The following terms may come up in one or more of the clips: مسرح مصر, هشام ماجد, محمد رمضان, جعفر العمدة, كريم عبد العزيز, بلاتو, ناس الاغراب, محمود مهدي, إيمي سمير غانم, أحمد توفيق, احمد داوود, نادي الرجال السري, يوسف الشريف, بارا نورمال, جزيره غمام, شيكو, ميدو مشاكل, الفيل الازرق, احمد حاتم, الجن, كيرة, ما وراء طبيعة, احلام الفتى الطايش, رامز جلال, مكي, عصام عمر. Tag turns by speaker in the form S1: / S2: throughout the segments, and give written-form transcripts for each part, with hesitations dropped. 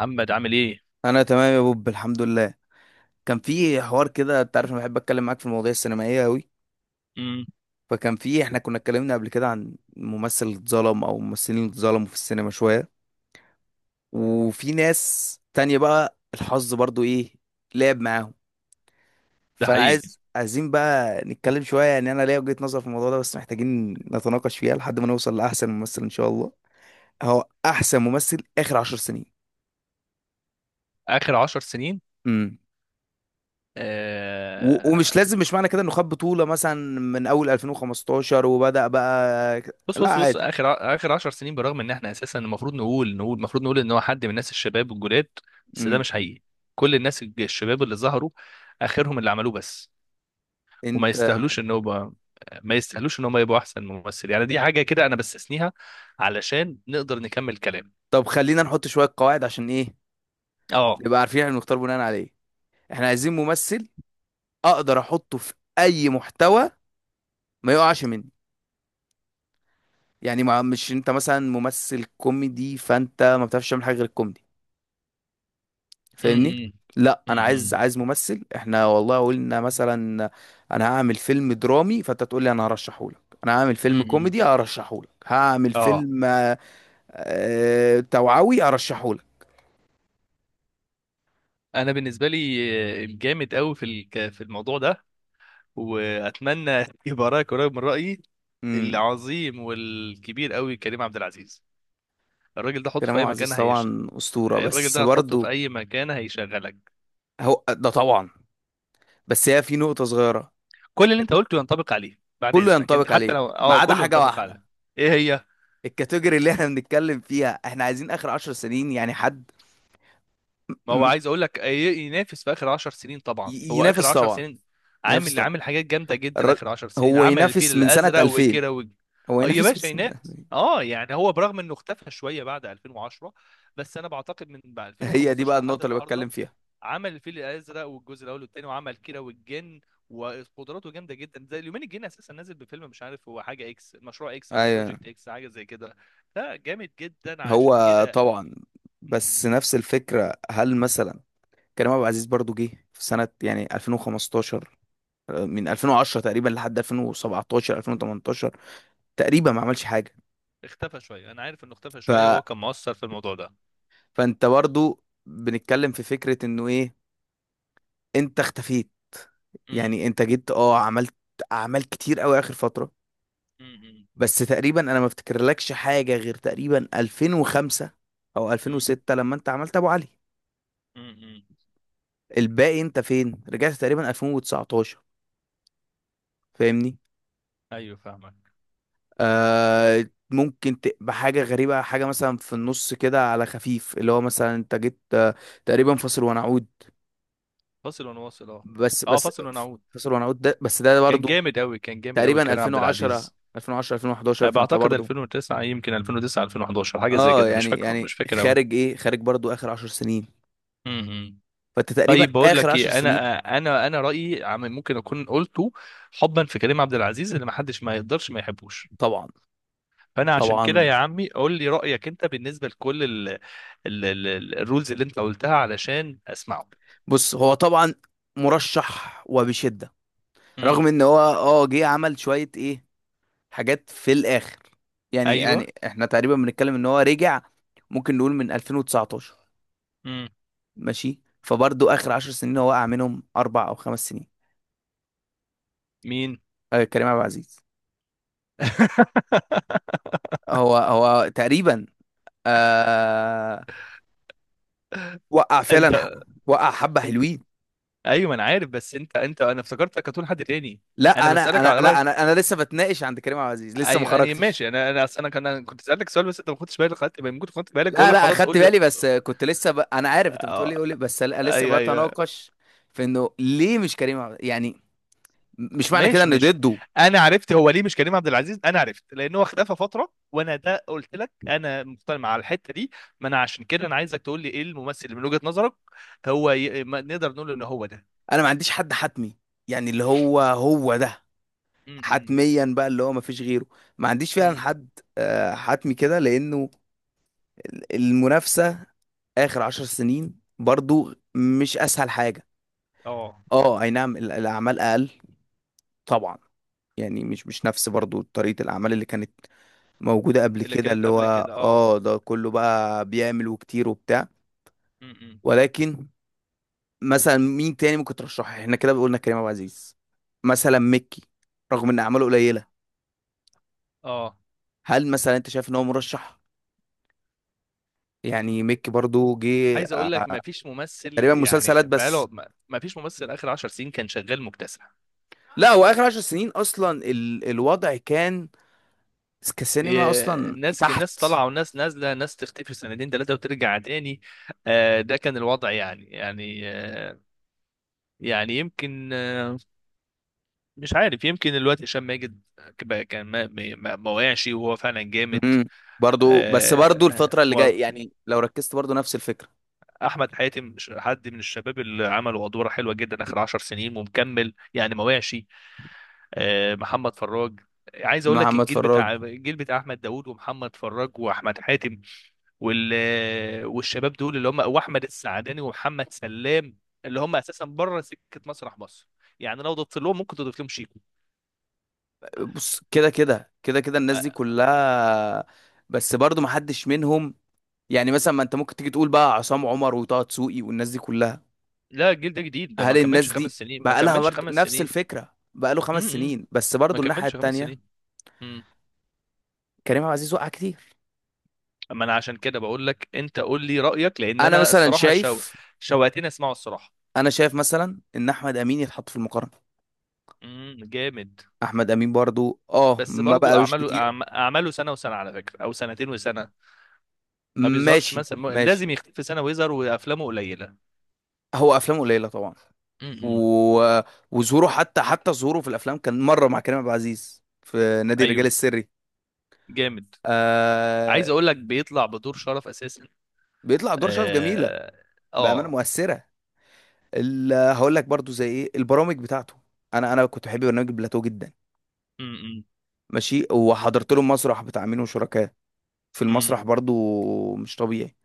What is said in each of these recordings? S1: محمد عامل ايه؟
S2: انا تمام يا بوب، الحمد لله. كان في حوار كده، انت عارف انا بحب اتكلم معاك في المواضيع السينمائيه قوي.
S1: امم.
S2: فكان في، احنا كنا اتكلمنا قبل كده عن ممثل اتظلم او ممثلين اللي اتظلموا في السينما شويه، وفي ناس تانية بقى الحظ برضو ايه، لعب معاهم.
S1: ده
S2: فانا
S1: حقيقي.
S2: عايزين بقى نتكلم شويه، يعني انا ليا وجهه نظر في الموضوع ده بس محتاجين نتناقش فيها لحد ما نوصل لاحسن ممثل ان شاء الله. هو احسن ممثل اخر 10 سنين.
S1: اخر 10 سنين.
S2: امم ومش
S1: آه.
S2: لازم، مش معنى كده انه خد بطولة مثلا من اول 2015 وبدأ بقى
S1: بص
S2: لا
S1: بص بص.
S2: عادي.
S1: اخر 10 سنين، برغم ان احنا اساسا المفروض نقول ان هو حد من الناس الشباب والجداد. بس ده
S2: امم
S1: مش حقيقي. كل الناس الشباب اللي ظهروا اخرهم اللي عملوه بس، وما
S2: انت.
S1: يستاهلوش ان هو ما يستاهلوش ان هم يبقوا احسن ممثل. يعني دي حاجه كده انا بستثنيها علشان نقدر نكمل كلام.
S2: طب خلينا نحط شوية قواعد عشان ايه
S1: اه.
S2: نبقى عارفين احنا بنختار بناء على ايه. احنا عايزين ممثل اقدر احطه في اي محتوى، ما يقعش مني. يعني ما مش انت مثلا ممثل كوميدي فانت ما بتعرفش تعمل حاجة غير الكوميدي، فاهمني؟
S1: امم.
S2: لا، انا عايز
S1: امم.
S2: عايز ممثل. احنا والله قلنا مثلا انا هعمل فيلم درامي فانت تقول لي انا هرشحه لك، انا هعمل فيلم
S1: امم.
S2: كوميدي هرشحه لك، هعمل
S1: اه.
S2: فيلم توعوي هرشحه لك.
S1: انا بالنسبه لي الجامد قوي في الموضوع ده، واتمنى يبقى رايك قريب من رايي.
S2: امم
S1: العظيم والكبير قوي كريم عبد العزيز. الراجل ده حطه
S2: كريم
S1: في
S2: عبد
S1: اي مكان
S2: العزيز
S1: هيشتغل.
S2: طبعا اسطوره،
S1: الراجل
S2: بس
S1: ده هتحطه في
S2: برضه
S1: اي مكان هيشغلك.
S2: هو ده طبعا، بس هي في نقطه صغيره.
S1: كل اللي انت قلته ينطبق عليه بعد
S2: كله
S1: اذنك، انت
S2: ينطبق
S1: حتى
S2: عليه
S1: لو
S2: ما عدا
S1: كله
S2: حاجه
S1: ينطبق
S2: واحده.
S1: عليك. ايه هي؟
S2: الكاتيجوري اللي احنا بنتكلم فيها، احنا عايزين اخر 10 سنين. يعني حد م-
S1: ما هو
S2: م-
S1: عايز اقول لك ينافس في اخر 10 سنين، طبعا هو اخر
S2: ينافس
S1: 10
S2: طبعا،
S1: سنين
S2: ينافس
S1: عامل
S2: طبعا.
S1: عامل حاجات جامده جدا.
S2: الر-
S1: اخر 10 سنين
S2: هو
S1: عمل الفيل
S2: ينافس من سنة
S1: الازرق
S2: 2000.
S1: وكيرة و...
S2: هو
S1: اه يا
S2: ينافس من
S1: باشا
S2: سنة
S1: ينافس.
S2: 2000
S1: اه يعني هو برغم انه اختفى شويه بعد 2010. بس انا بعتقد من بعد
S2: هي دي بقى
S1: 2015 لحد
S2: النقطة اللي
S1: النهارده
S2: بتكلم فيها.
S1: عمل الفيل الازرق والجزء الاول والثاني، وعمل كيرة والجن، وقدراته جامده جدا. زي اليومين الجن اساسا نازل بفيلم مش عارف هو حاجه اكس مشروع اكس او
S2: ايوه
S1: بروجكت اكس حاجه زي كده. لا جامد جدا عشان
S2: هو طبعا، بس
S1: كده.
S2: نفس الفكرة. هل مثلا كريم عبد العزيز برضو جه في سنة يعني 2015، من 2010 تقريبا لحد 2017 2018 تقريبا ما عملش حاجة.
S1: اختفى شويه. انا عارف انه اختفى
S2: ف...
S1: شويه، وهو كان مؤثر في الموضوع ده.
S2: فانت برضو بنتكلم في فكرة انه ايه، انت اختفيت.
S1: امم.
S2: يعني انت جيت، اه عملت اعمال كتير قوي اخر فترة،
S1: امم.
S2: بس تقريبا انا ما افتكرلكش حاجه غير تقريبا 2005 او
S1: امم.
S2: 2006 لما انت عملت ابو علي.
S1: امم.
S2: الباقي انت فين؟ رجعت تقريبا 2019، فاهمني؟
S1: ايوه فاهمك.
S2: آه ممكن تبقى حاجه غريبه، حاجه مثلا في النص كده على خفيف، اللي هو مثلا انت جيت، تقريبا فاصل ونعود.
S1: فاصل ونواصل. اه.
S2: بس
S1: اه
S2: بس
S1: فاصل ونعود.
S2: فاصل ونعود ده، بس ده
S1: كان
S2: برضو
S1: جامد قوي، كان جامد قوي
S2: تقريبا
S1: كريم عبد
S2: 2010
S1: العزيز. أه،
S2: 2011 فانت
S1: بعتقد
S2: برضو.
S1: 2009 يمكن 2009 2011 حاجه زي
S2: اه
S1: كده.
S2: يعني يعني
S1: مش فاكر قوي.
S2: خارج ايه، خارج برضو اخر 10 سنين،
S1: امم.
S2: فانت تقريبا
S1: طيب بقول
S2: اخر
S1: لك
S2: 10
S1: ايه،
S2: سنين.
S1: انا انا رايي ممكن اكون قلته حبا في كريم عبد العزيز اللي ما حدش ما يقدرش ما يحبوش.
S2: طبعا
S1: فانا عشان كده
S2: طبعا.
S1: يا عمي قول لي رايك انت بالنسبه لكل ال الرولز اللي انت قلتها علشان اسمعه.
S2: بص هو طبعا مرشح وبشدة،
S1: امم.
S2: رغم ان هو اه جه عمل شوية ايه، حاجات في الاخر. يعني
S1: ايوه.
S2: يعني احنا تقريبا بنتكلم ان هو رجع، ممكن نقول من 2019.
S1: امم.
S2: ماشي، فبرضه اخر 10 سنين هو وقع منهم 4 أو 5 سنين.
S1: مين؟
S2: آه كريم عبد العزيز. هو تقريبا، آه وقع
S1: انت.
S2: فعلا، وقع حبة حلوين.
S1: ايوه ما انا عارف، بس انت انا افتكرتك هتقول حد تاني. انا
S2: لا انا
S1: بسالك
S2: انا
S1: على
S2: لا
S1: رايك.
S2: انا انا لسه بتناقش عند كريم عبد العزيز لسه ما
S1: ايوه انا
S2: خرجتش.
S1: ماشي. انا انا اصل انا كان أنا كنت سالتك سؤال، بس انت ما خدتش بالك. خدت بالك. بقول
S2: لا
S1: لك
S2: لا
S1: خلاص
S2: اخدت
S1: قول لي.
S2: بالي، بس كنت لسه انا عارف انت بتقولي
S1: آه.
S2: قولي بس، لسه
S1: ايوه ايوه.
S2: بتناقش في انه ليه مش يعني مش معنى كده
S1: ماشي
S2: ان
S1: ماشي.
S2: ضده.
S1: انا عرفت هو ليه مش كريم عبد العزيز، انا عرفت لان هو اختفى فتره. وانا ده قلت لك انا مقتنع مع الحته دي. ما انا عشان كده انا عايزك تقول لي ايه الممثل اللي من وجهه نظرك. ما نقدر نقول ان هو ده.
S2: انا ما عنديش حد حتمي، يعني اللي هو هو ده
S1: امم.
S2: حتميا بقى، اللي هو ما فيش غيره. ما عنديش فعلا
S1: امم.
S2: حد حتمي كده، لانه المنافسة اخر 10 سنين برضو مش اسهل حاجة.
S1: اه.
S2: اه اي نعم الاعمال اقل طبعا. يعني مش نفس برضو طريقة الاعمال اللي كانت موجودة قبل
S1: اللي
S2: كده
S1: كانت
S2: اللي هو
S1: قبل كده. اه.
S2: اه ده كله بقى بيعمل وكتير وبتاع.
S1: امم.
S2: ولكن مثلا مين تاني ممكن ترشحه؟ احنا كده قلنا كريم عبد العزيز. مثلا مكي، رغم ان اعماله قليلة،
S1: اه.
S2: هل مثلا انت شايف ان هو مرشح؟ يعني مكي برضو جه،
S1: عايز اقول لك ما فيش ممثل.
S2: تقريبا
S1: يعني
S2: مسلسلات بس.
S1: بقاله ما ما فيش ممثل اخر 10 سنين كان شغال مكتسح.
S2: لا هو اخر 10 سنين اصلا الوضع كان كسينما
S1: إيه،
S2: اصلا
S1: الناس
S2: تحت.
S1: طالعه وناس نازله، ناس تختفي سنتين ثلاثه وترجع تاني. آه، ده كان الوضع. يعني آه. يمكن آه. مش عارف. يمكن الوقت هشام ماجد بقى كان ما وقعش، وهو فعلا جامد.
S2: امم برضو، بس برضو
S1: آه،
S2: الفترة اللي
S1: و-
S2: جاية يعني لو ركزت برضو نفس الفكرة.
S1: احمد حاتم حد من الشباب اللي عمل وادواره حلوه جدا اخر 10 سنين ومكمل، يعني ما وقعش. آه، محمد فراج. عايز اقول لك
S2: محمد فراج،
S1: الجيل بتاع احمد داوود ومحمد فراج واحمد حاتم وال والشباب دول اللي هم واحمد السعداني ومحمد سلام، اللي هم اساسا بره سكه مسرح مصر. يعني لو ضفت لهم ممكن تضيف لهم شيكو.
S2: بص كده الناس دي
S1: آه.
S2: كلها، بس برضو ما حدش منهم. يعني مثلا ما انت ممكن تيجي تقول بقى عصام عمر وطه دسوقي والناس دي كلها.
S1: لا الجيل ده جديد، ده
S2: هل
S1: ما كملش
S2: الناس دي
S1: 5 سنين، ما
S2: بقى لها
S1: كملش
S2: برضو
S1: خمس
S2: نفس
S1: سنين
S2: الفكرة؟ بقى له خمس
S1: امم.
S2: سنين بس
S1: ما
S2: برضو الناحية
S1: كملش خمس
S2: التانية،
S1: سنين امم.
S2: كريم عبد العزيز وقع كتير.
S1: اما انا عشان كده بقول لك انت قول لي رايك، لان
S2: انا
S1: انا
S2: مثلا
S1: الصراحه
S2: شايف،
S1: شوقتني اسمعه الصراحه.
S2: انا شايف مثلا ان احمد امين يتحط في المقارنة.
S1: امم. جامد.
S2: احمد امين برضو اه
S1: بس
S2: ما
S1: برضو
S2: بقالوش كتير.
S1: اعماله سنه وسنه على فكره، او سنتين وسنه. ما بيظهرش
S2: ماشي
S1: مثلا.
S2: ماشي،
S1: لازم يختفي سنه ويظهر وافلامه قليله.
S2: هو افلامه قليلة طبعا
S1: امم.
S2: و... وظهوره، حتى حتى ظهوره في الافلام كان مره مع كريم عبد العزيز في نادي الرجال
S1: ايوه
S2: السري.
S1: جامد.
S2: آه...
S1: عايز اقول لك بيطلع بدور شرف اساسا.
S2: بيطلع دور شرف جميله،
S1: اه.
S2: بامانه
S1: اه.
S2: مؤثره. هقول لك برضو زي ايه البرامج بتاعته. انا انا كنت بحب برنامج بلاتو جدا.
S1: امم.
S2: ماشي، وحضرت له مسرح بتاع مين وشركاه في
S1: امم.
S2: المسرح برضو. مش طبيعي.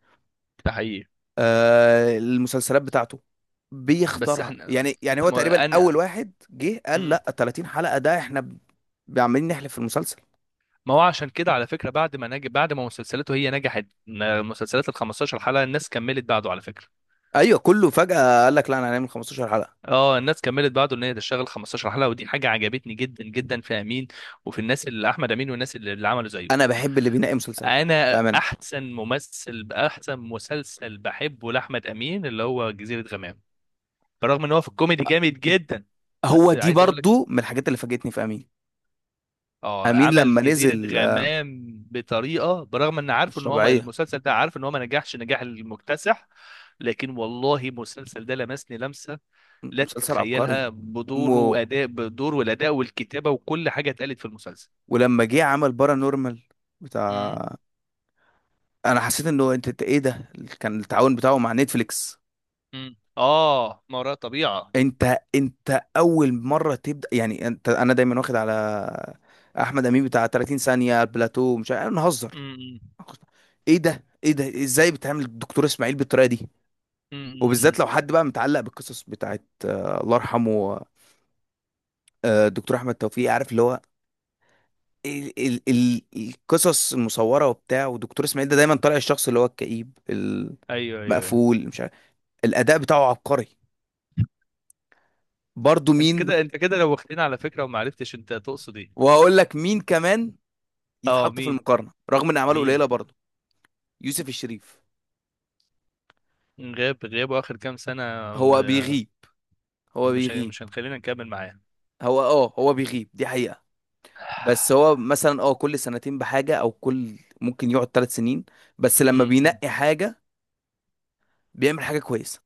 S1: ده حقيقي.
S2: المسلسلات بتاعته
S1: بس
S2: بيختارها.
S1: احنا
S2: يعني يعني
S1: انت
S2: هو تقريبا
S1: ما
S2: اول
S1: انا
S2: واحد جه قال لا
S1: مم.
S2: 30 حلقه ده احنا عمالين نحلف في المسلسل.
S1: ما هو عشان كده على فكره، بعد ما نجح، بعد ما مسلسلاته هي نجحت، مسلسلات ال 15 حلقه الناس كملت بعده على فكره.
S2: ايوه كله فجأة قال لك لا انا هنعمل 15 حلقة.
S1: اه، الناس كملت بعده ان هي تشتغل 15 حلقه، ودي حاجه عجبتني جدا جدا في امين. وفي الناس اللي احمد امين، والناس اللي عملوا
S2: انا
S1: زيه.
S2: بحب اللي بينقي مسلسلاته
S1: انا
S2: بأمانة.
S1: احسن مسلسل بحبه لاحمد امين اللي هو جزيره غمام. برغم ان هو في الكوميدي جامد جدا،
S2: هو
S1: بس
S2: دي
S1: عايز اقول
S2: برضو من الحاجات اللي فاجئتني في امين.
S1: اه
S2: امين لما
S1: عمل جزيرة
S2: نزل،
S1: غمام بطريقة. برغم ان عارفه
S2: مش
S1: ان هو
S2: طبيعية.
S1: المسلسل ده، عارف ان هو ما نجحش نجاح المكتسح، لكن والله المسلسل ده لمسني لمسة لا
S2: مسلسل عبقري
S1: تتخيلها. بدوره
S2: و...
S1: واداء بدوره والاداء والكتابة وكل حاجة اتقالت في المسلسل.
S2: ولما جه عمل بارا نورمال
S1: امم.
S2: بتاع، انا حسيت انه انت ايه ده؟ كان التعاون بتاعه مع نتفليكس.
S1: امم. اه ما وراء طبيعة.
S2: انت انت اول مرة تبدأ. يعني انت انا دايما واخد على احمد امين بتاع 30 ثانية بلاتو مش عارف نهزر.
S1: امم.
S2: ايه ده ايه ده، ازاي بتعمل الدكتور اسماعيل بالطريقة دي؟
S1: امم.
S2: وبالذات
S1: امم.
S2: لو حد بقى متعلق بالقصص بتاعت الله يرحمه، دكتور احمد توفيق، عارف اللي هو ال القصص المصوره وبتاع. ودكتور اسماعيل ده دايما طالع الشخص اللي هو الكئيب،
S1: ايوه ايوه أيوة.
S2: المقفول، مش عارف. الاداء بتاعه عبقري. برضه
S1: انت
S2: مين
S1: كده انت كده لو واخدين على فكرة وما عرفتش انت تقصد ايه.
S2: وهقول لك مين كمان
S1: اه
S2: يتحط في
S1: مين؟
S2: المقارنه رغم ان اعماله
S1: مين؟
S2: قليله برضه؟ يوسف الشريف.
S1: غاب غاب اخر كام سنة.
S2: هو بيغيب هو بيغيب
S1: مش هنخلينا نكمل معاه.
S2: هو اه هو بيغيب دي حقيقه، بس هو مثلا اه كل سنتين بحاجه، او كل ممكن يقعد 3 سنين، بس لما
S1: أمم.
S2: بينقي حاجه بيعمل حاجة كويسة.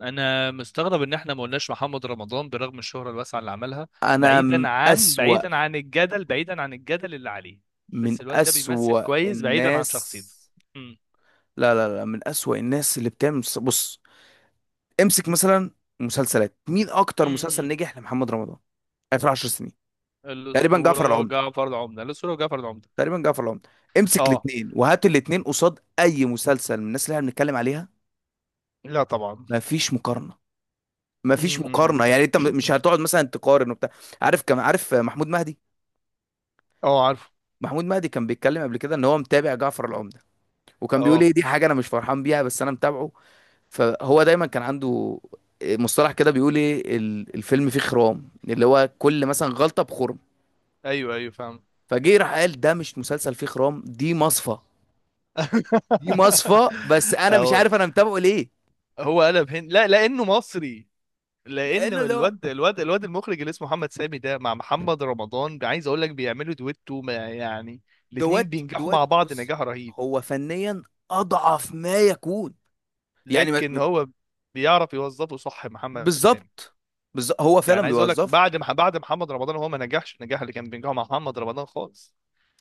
S1: انا مستغرب ان احنا ما قلناش محمد رمضان برغم الشهرة الواسعة اللي عملها.
S2: أنا أسوأ،
S1: بعيدا عن الجدل اللي عليه،
S2: من
S1: بس الواد ده بيمثل
S2: أسوأ
S1: كويس بعيدا عن
S2: الناس.
S1: شخصيته. أمم.
S2: لا، من أسوأ الناس اللي بتعمل بص، امسك مثلا. مسلسلات مين أكتر
S1: أمم.
S2: مسلسل نجح لمحمد رمضان آخر 10 سنين؟ تقريبا جعفر
S1: الأسطورة
S2: العمدة.
S1: جعفر العمدة، الأسطورة جعفر العمدة.
S2: تقريبا جعفر العمدة. امسك
S1: اه
S2: الاتنين وهات الاتنين قصاد أي مسلسل من الناس اللي احنا بنتكلم عليها.
S1: لا طبعا.
S2: مفيش مقارنة مفيش
S1: أمم.
S2: مقارنة يعني أنت مش هتقعد مثلا تقارن وبتاع. عارف كم، عارف محمود مهدي؟
S1: اه عارفه.
S2: محمود مهدي كان بيتكلم قبل كده إن هو متابع جعفر العمدة، وكان بيقول ايه
S1: اه
S2: دي حاجه انا مش فرحان بيها بس انا متابعه. فهو دايما كان عنده مصطلح كده، بيقول ايه الفيلم فيه خرام، اللي هو كل مثلا غلطه بخرم.
S1: ايوه ايوه فاهم.
S2: فجه راح قال ده مش مسلسل فيه خرام، دي مصفى. دي مصفى، بس انا مش
S1: اه.
S2: عارف انا متابعه ليه.
S1: هو قلب هند لا، لانه مصري. لان
S2: لانه اللي هو
S1: الواد المخرج اللي اسمه محمد سامي، ده مع محمد رمضان، عايز اقول لك بيعملوا دويتو ما يعني. الاتنين
S2: دوت
S1: بينجحوا
S2: دوت
S1: مع بعض
S2: بص
S1: نجاح رهيب.
S2: هو فنيا اضعف ما يكون، يعني
S1: لكن هو بيعرف يوظفه صح محمد سامي.
S2: بالظبط. بالظبط هو
S1: يعني
S2: فعلا
S1: عايز اقول لك
S2: بيوظفه.
S1: بعد محمد رمضان هو ما نجحش النجاح اللي كان بينجحه مع محمد رمضان خالص.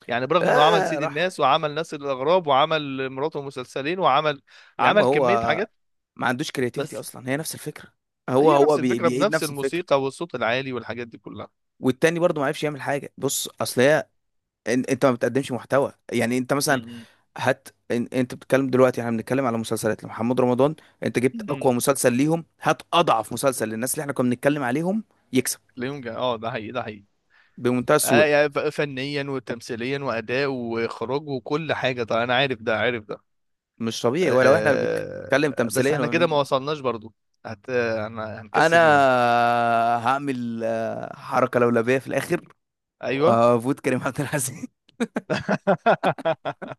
S1: يعني برغم انه عمل
S2: اه
S1: سيد
S2: راح،
S1: الناس، وعمل ناس الاغراب، وعمل مراته مسلسلين، وعمل
S2: يا عم
S1: عمل
S2: هو
S1: كمية حاجات،
S2: ما عندوش كرياتيفيتي
S1: بس
S2: اصلا، هي نفس الفكره. هو
S1: هي
S2: هو
S1: نفس الفكرة
S2: بيعيد
S1: بنفس
S2: نفس الفكره.
S1: الموسيقى والصوت العالي والحاجات دي كلها.
S2: والتاني برضه ما عرفش يعمل حاجه. بص اصل هي، انت ما بتقدمش محتوى. يعني انت مثلا
S1: م-
S2: هات، انت بتتكلم دلوقتي، احنا بنتكلم على مسلسلات لمحمد رمضان. انت جبت
S1: م.
S2: اقوى مسلسل ليهم، هات اضعف مسلسل للناس اللي احنا كنا بنتكلم عليهم يكسب
S1: ليونجا. اه ده حقيقي، ده حقيقي.
S2: بمنتهى
S1: آه
S2: السهوله.
S1: يعني فنيا وتمثيليا واداء واخراج وكل حاجه. طبعا انا عارف ده، عارف ده.
S2: مش طبيعي. ولو احنا بنتكلم
S1: آه بس
S2: تمثيليا
S1: احنا كده ما وصلناش برضو.
S2: انا
S1: هنكسب مين؟
S2: هعمل، حركه لولبيه في الاخر
S1: ايوه.
S2: وهفوت كريم عبد العزيز.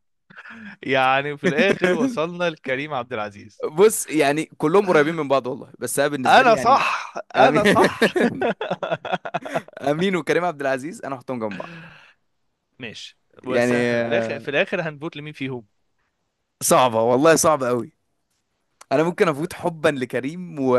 S1: يعني في الاخر وصلنا لكريم عبد العزيز.
S2: بص يعني كلهم قريبين من بعض والله، بس انا بالنسبه لي
S1: انا
S2: يعني
S1: صح،
S2: امين.
S1: انا صح.
S2: امين وكريم عبد العزيز انا احطهم جنب بعض.
S1: ماشي.
S2: يعني
S1: بس احنا في الاخر، في الاخر هنفوت لمين فيهم؟
S2: صعبه والله، صعبه قوي. انا ممكن افوت حبا لكريم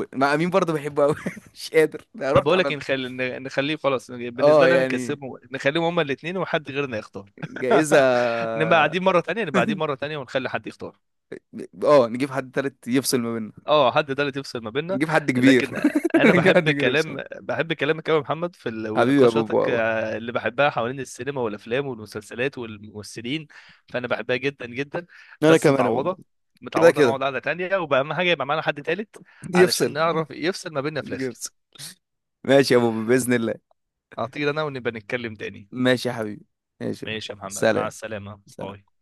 S2: مع امين برضه بحبه قوي. مش قادر، انا
S1: طب
S2: رحت
S1: بقول لك إيه،
S2: عملت
S1: نخلي نخليه خلاص.
S2: اه
S1: بالنسبه لي انا
S2: يعني
S1: نكسبهم، نخليهم هما الاثنين، وحد غيرنا يختار.
S2: جائزه.
S1: نبقى قاعدين مره تانية، نبقى قاعدين مره تانية، ونخلي حد يختار.
S2: اه نجيب حد تالت يفصل ما بيننا،
S1: اه حد ده اللي تفصل ما بيننا.
S2: نجيب حد كبير.
S1: لكن انا
S2: نجيب حد كبير يفصل.
S1: بحب كلامك قوي يا محمد.
S2: حبيبي يا بوبو
S1: ونقاشاتك
S2: والله.
S1: آه، اللي بحبها حوالين السينما والافلام والمسلسلات والممثلين. فانا بحبها جدا جدا.
S2: انا
S1: بس
S2: كمان يا بوبو.
S1: متعوضه.
S2: كده
S1: متعوضه
S2: كده
S1: نقعد قعده تانية، وبقى اهم حاجه يبقى معانا حد تالت علشان
S2: يفصل،
S1: نعرف يفصل ما بيننا في
S2: نيجي
S1: الاخر.
S2: يفصل. ماشي يا بوبو باذن الله.
S1: اعتقد انا، ونبقى نتكلم تاني.
S2: ماشي يا حبيبي، ماشي.
S1: ماشي يا محمد، مع
S2: سلام.
S1: السلامة،
S2: سلام.
S1: باي.